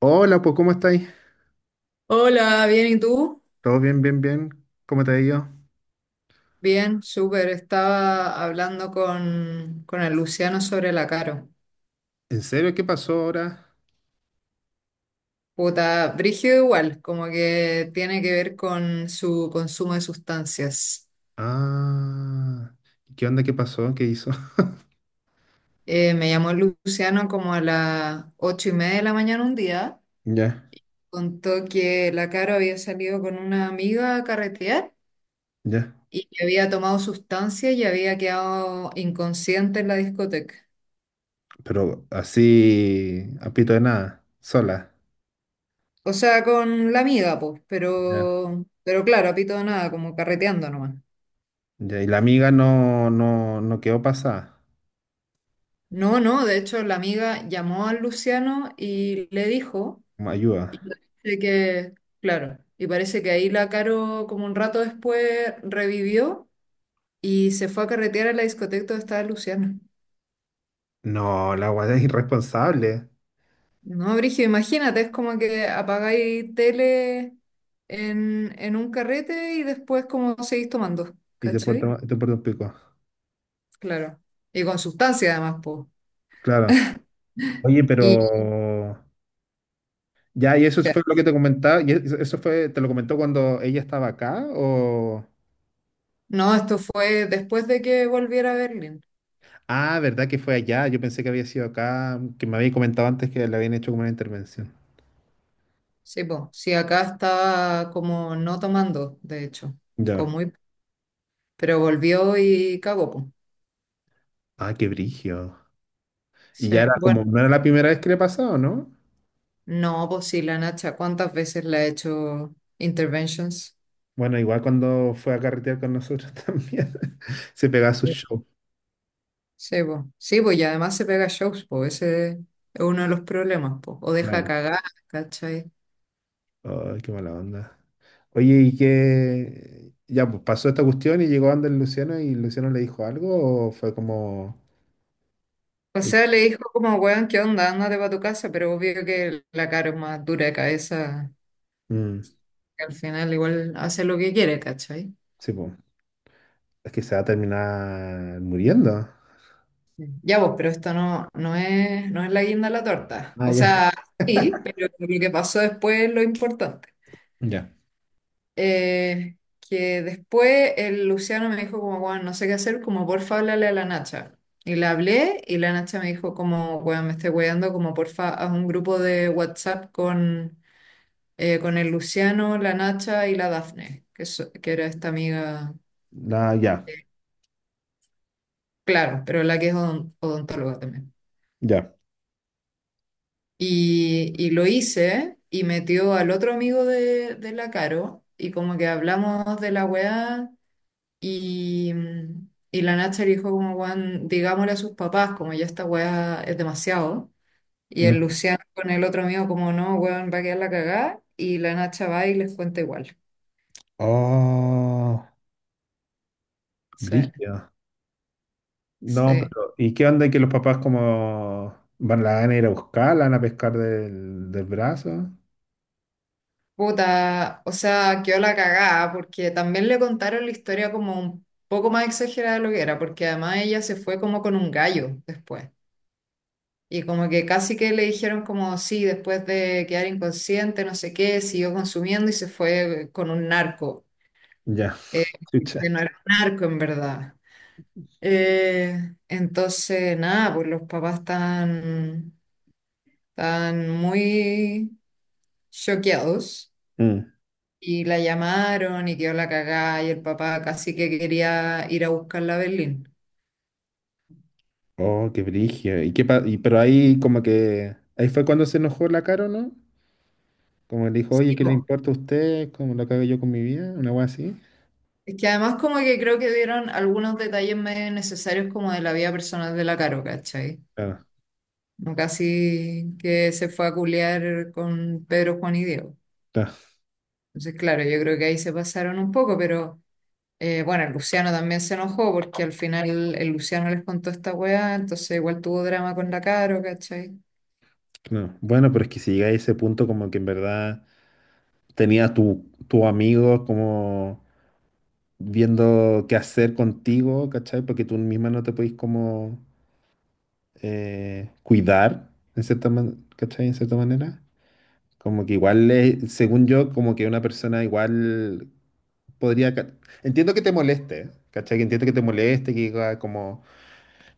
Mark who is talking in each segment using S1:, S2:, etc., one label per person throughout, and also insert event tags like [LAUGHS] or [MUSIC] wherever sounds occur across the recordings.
S1: Hola, pues, ¿cómo estáis?
S2: Hola, bien, ¿y tú?
S1: ¿Todo bien, bien, bien? ¿Cómo te ha ido?
S2: Bien, súper. Estaba hablando con el Luciano sobre la Caro.
S1: ¿En serio? ¿Qué pasó ahora?
S2: Puta, brígido igual, como que tiene que ver con su consumo de sustancias.
S1: Ah, ¿qué onda? ¿Qué pasó? ¿Qué hizo? [LAUGHS]
S2: Me llamó el Luciano como a las ocho y media de la mañana un día.
S1: Ya,
S2: Contó que la Caro había salido con una amiga a carretear
S1: ya.
S2: y que había tomado sustancias y había quedado inconsciente en la discoteca.
S1: Pero así, a pito de nada, sola.
S2: O sea, con la amiga, pues,
S1: Ya,
S2: pero claro, a pito de nada, como carreteando nomás.
S1: ya. Y la amiga no, no, no quedó pasada.
S2: No, no, de hecho, la amiga llamó al Luciano y le dijo,
S1: Como
S2: y
S1: ayuda.
S2: parece que, claro, y parece que ahí la Caro, como un rato después, revivió y se fue a carretear a la discoteca donde estaba Luciano.
S1: No, la guada es irresponsable.
S2: No, Brigio, imagínate, es como que apagáis tele en un carrete y después, como seguís tomando,
S1: Y te
S2: ¿cachai?
S1: porta, te porta un pico.
S2: Claro. Y con sustancia, además, pues.
S1: Claro. Oye,
S2: Y.
S1: pero... Ya, y eso fue lo que te comentaba. ¿Y eso fue, te lo comentó cuando ella estaba acá o...?
S2: No, esto fue después de que volviera a Berlín.
S1: Ah, ¿verdad que fue allá? Yo pensé que había sido acá, que me había comentado antes que le habían hecho como una intervención.
S2: Sí, pues, sí, acá estaba como no tomando, de hecho, o
S1: Ya.
S2: muy, pero volvió y cagó, pues.
S1: Ah, qué brigio. Y
S2: Sí,
S1: ya era
S2: bueno,
S1: como, no era la primera vez que le pasaba, ¿no?
S2: no, pues sí, la Nacha, ¿cuántas veces le ha hecho interventions?
S1: Bueno, igual cuando fue a carretear con nosotros [LAUGHS] también, se pegaba su
S2: Sí,
S1: show.
S2: sí, pues, sí, pues, y además se pega shows, pues, ese es uno de los problemas, pues, o deja
S1: Claro.
S2: cagar, ¿cachai?
S1: Ay, qué mala onda. Oye, ¿y qué? Ya, pues pasó esta cuestión y llegó Ander Luciano y Luciano le dijo algo o fue como...
S2: O
S1: eh,
S2: sea, le dijo como, weón, ¿qué onda? Ándate para tu casa, pero obvio que la cara es más dura de cabeza,
S1: mm,
S2: que al final igual hace lo que quiere, ¿cachai?
S1: sí, pues, es que se va a terminar muriendo.
S2: Ya vos, pero esto no, no es la guinda de la torta.
S1: Ah,
S2: O
S1: ya.
S2: sea, sí, pero lo que pasó después es lo importante.
S1: [LAUGHS] Ya.
S2: Eh, que después el Luciano me dijo como, bueno, no sé qué hacer, como porfa, háblale a la Nacha. Y le hablé y la Nacha me dijo como, bueno, me estoy weando, como porfa, haz un grupo de WhatsApp con el Luciano, la Nacha y la Dafne, que, que era esta amiga,
S1: No, ya.
S2: claro, pero la que es odontóloga también.
S1: Ya.
S2: Y lo hice y metió al otro amigo de la Caro y como que hablamos de la weá y, y la Nacha le dijo como, weón, digámosle a sus papás, como ya esta weá es demasiado. Y el
S1: Mm.
S2: Luciano con el otro amigo como, no, weón, va a quedar la cagada y la Nacha va y les cuenta igual.
S1: Oh,
S2: Sí,
S1: brígido. No,
S2: sí.
S1: pero ¿y qué onda que los papás como van, la van a ir a buscar, la van a pescar del, del brazo?
S2: Puta, o sea, quedó la cagada porque también le contaron la historia como un poco más exagerada de lo que era, porque además ella se fue como con un gallo después. Y como que casi que le dijeron como, sí, después de quedar inconsciente, no sé qué, siguió consumiendo y se fue con un narco,
S1: Ya,
S2: eh,
S1: [LAUGHS] chucha.
S2: que no era un narco en verdad. Entonces, nada, pues los papás están muy choqueados
S1: Mm.
S2: y la llamaron y quedó la cagada y el papá casi que quería ir a buscarla a Berlín.
S1: Oh, qué brillo. ¿Y qué y, pero ahí como que ahí fue cuando se enojó la Caro, ¿no? Como le dijo, oye,
S2: Sí,
S1: ¿qué le
S2: po.
S1: importa a usted? ¿Cómo lo cago yo con mi vida? Una cosa así.
S2: Es que además como que creo que dieron algunos detalles medio necesarios como de la vida personal de la Caro, ¿cachai?
S1: Claro,
S2: No casi que se fue a culear con Pedro, Juan y Diego.
S1: claro,
S2: Entonces, claro, yo creo que ahí se pasaron un poco, pero bueno, el Luciano también se enojó porque al final el Luciano les contó esta weá, entonces igual tuvo drama con la Caro, ¿cachai?
S1: claro. Bueno, pero es que si llega a ese punto como que en verdad tenía tu amigo como viendo qué hacer contigo, ¿cachai? Porque tú misma no te podís como cuidar, en cierta ¿cachai? En cierta manera. Como que igual, según yo, como que una persona igual podría... Entiendo que te moleste, ¿cachai? Que entiendo que te moleste, que diga como...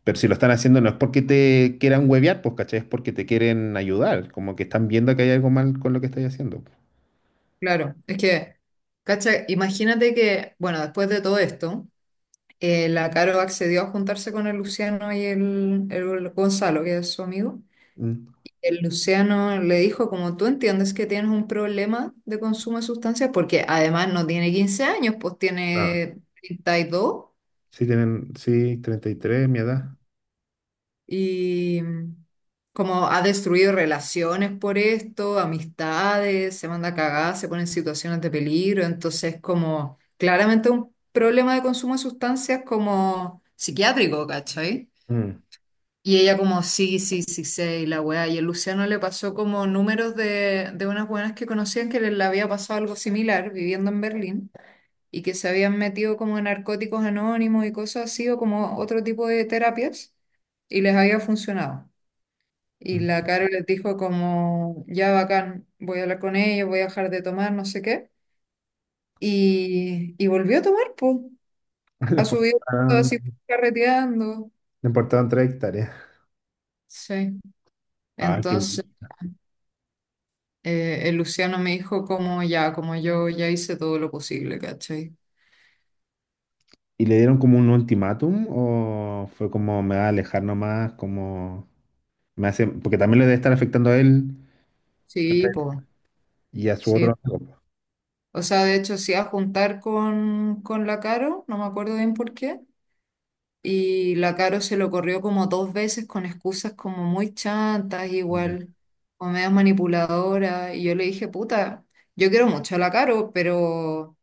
S1: Pero si lo están haciendo no es porque te quieran huevear, pues, ¿cachai? Es porque te quieren ayudar, como que están viendo que hay algo mal con lo que estás haciendo, pues.
S2: Claro, es que, ¿cachai? Imagínate que, bueno, después de todo esto, la Caro accedió a juntarse con el Luciano y el Gonzalo, que es su amigo.
S1: Mm.
S2: El Luciano le dijo, como tú entiendes que tienes un problema de consumo de sustancias, porque además no tiene 15 años, pues
S1: Ah.
S2: tiene 32 y dos
S1: Sí, tienen, sí, 33, mi edad.
S2: y como ha destruido relaciones por esto, amistades, se manda a cagar, se pone en situaciones de peligro, entonces como claramente un problema de consumo de sustancias como psiquiátrico, ¿cachai?
S1: Mm.
S2: Y ella como, sí, sí, sí, sé, y la weá. Y el Luciano le pasó como números de unas buenas que conocían que les le había pasado algo similar viviendo en Berlín y que se habían metido como en narcóticos anónimos y cosas así o como otro tipo de terapias y les había funcionado. Y
S1: Mm.
S2: la Caro les dijo como, ya bacán, voy a hablar con ellos, voy a dejar de tomar, no sé qué. Y volvió a tomar, pues,
S1: [LAUGHS] Le
S2: a
S1: pongo-
S2: subir así carreteando.
S1: Le importaban tres hectáreas.
S2: Sí.
S1: Ah, qué bien.
S2: Entonces... El Luciano me dijo como ya, como yo ya hice todo lo posible, ¿cachai?
S1: ¿Y le dieron como un ultimátum o fue como me va a alejar nomás, como me hace, porque también le debe estar afectando a él,
S2: Sí,
S1: ¿cachai?,
S2: pues,
S1: y a su
S2: sí.
S1: otro amigo?
S2: O sea, de hecho, sí a juntar con la Caro, no me acuerdo bien por qué. Y la Caro se lo corrió como dos veces con excusas como muy chantas,
S1: Ya.
S2: igual, o medio manipuladora. Y yo le dije, puta, yo quiero mucho a la Caro,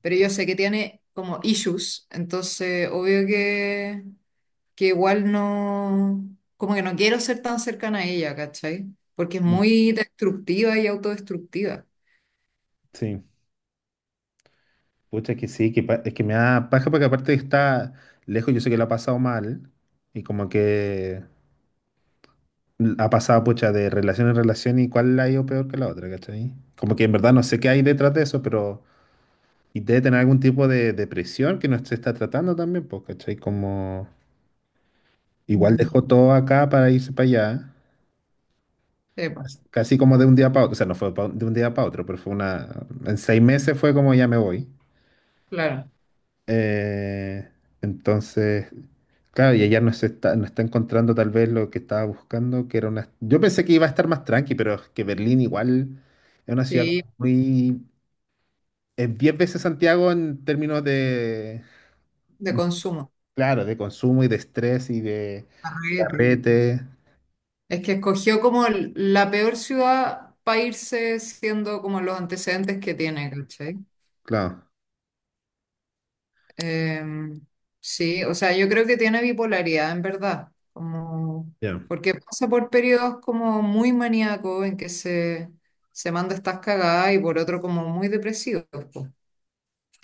S2: pero yo sé que tiene como issues, entonces obvio que igual no, como que no quiero ser tan cercana a ella, ¿cachai? Porque es
S1: Mm,
S2: muy destructiva y autodestructiva.
S1: sí, pucha que sí, que es que me da paja porque aparte está lejos, yo sé que lo ha pasado mal y como que ha pasado pucha de relación en relación y cuál la ha ido peor que la otra, ¿cachai? Como que en verdad no sé qué hay detrás de eso, pero y debe tener algún tipo de depresión que no se está tratando también, pues, ¿cachai? Como... Igual
S2: Mm.
S1: dejó todo acá para irse para allá,
S2: Sí, po,
S1: casi como de un día para otro, o sea, no fue de un día para otro, pero fue una, en 6 meses fue como ya me voy.
S2: claro,
S1: Eh, entonces, claro, y ella no está encontrando tal vez lo que estaba buscando, que era una... Yo pensé que iba a estar más tranqui, pero es que Berlín igual es una ciudad como
S2: sí,
S1: muy... Es 10 veces Santiago en términos de,
S2: de consumo.
S1: claro, de consumo y de estrés y de
S2: Arrete.
S1: carrete,
S2: Es que escogió como la peor ciudad para irse siendo como los antecedentes que tiene, ¿cachai?
S1: claro.
S2: Em, sí, o sea, yo creo que tiene bipolaridad en verdad, como
S1: Ya,
S2: porque pasa por periodos como muy maníacos en que se manda estas cagadas y por otro como muy depresivos, po.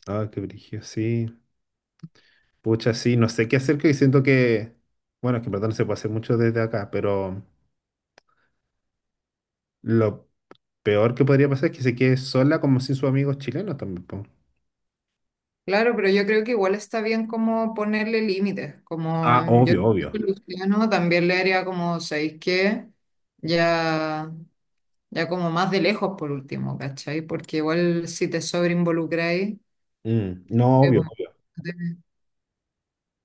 S1: ah, qué brillo, sí. Pucha, sí, no sé qué hacer, que siento que, bueno, es que en verdad no se puede hacer mucho desde acá, pero lo peor que podría pasar es que se quede sola como sin sus amigos chilenos también, po.
S2: Claro, pero yo creo que igual está bien como ponerle límites, como
S1: Ah,
S2: yo
S1: obvio, obvio.
S2: siento que Luciano también le haría como, ¿sabéis qué? Ya, ya como más de lejos por último, ¿cachai? Porque igual si te sobreinvolucráis,
S1: Mm, no, obvio,
S2: bueno,
S1: obvio.
S2: te-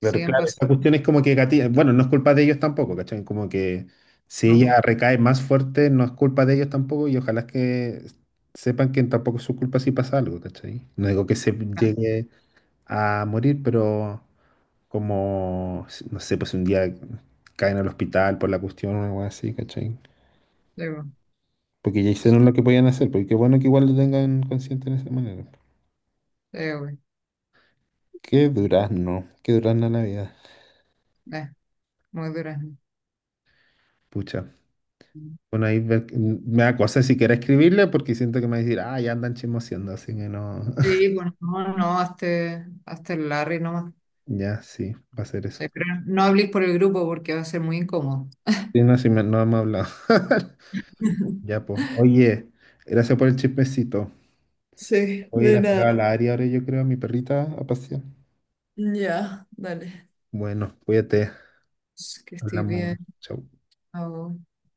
S1: Pero claro, esa
S2: pasando.
S1: cuestión es como que bueno, no es culpa de ellos tampoco, ¿cachai? Como que si
S2: Cosas,
S1: ella
S2: po.
S1: recae más fuerte, no es culpa de ellos tampoco y ojalá que sepan que tampoco es su culpa si pasa algo, ¿cachai? No digo que se llegue a morir, pero... como, no sé, pues si un día caen al hospital por la cuestión o algo así, ¿cachai?
S2: Sí, po.
S1: Porque ya
S2: Sí,
S1: hicieron lo que podían hacer, porque qué bueno que igual lo tengan consciente de esa manera.
S2: güey.
S1: Qué durazno la vida.
S2: Eh, muy durazno.
S1: Pucha. Bueno, ahí me da cosa si quiera escribirle porque siento que me va a decir, ah, ya andan chismoseando, así que no. [LAUGHS]
S2: Sí, bueno, no, no, hazte el Larry nomás.
S1: Ya, sí, va a ser eso.
S2: Sí, pero no hables por el grupo porque va a ser muy incómodo.
S1: Sí, no, sí, no hemos hablado. [LAUGHS] Ya,
S2: [LAUGHS]
S1: pues. Oye, gracias por el chismecito.
S2: Sí,
S1: Voy a ir
S2: de
S1: a sacar a
S2: nada.
S1: la área ahora, yo creo, a mi perrita a pasear.
S2: Ya, dale.
S1: Bueno, cuídate.
S2: Que estés bien.
S1: Hablamos. Chau.
S2: Chao.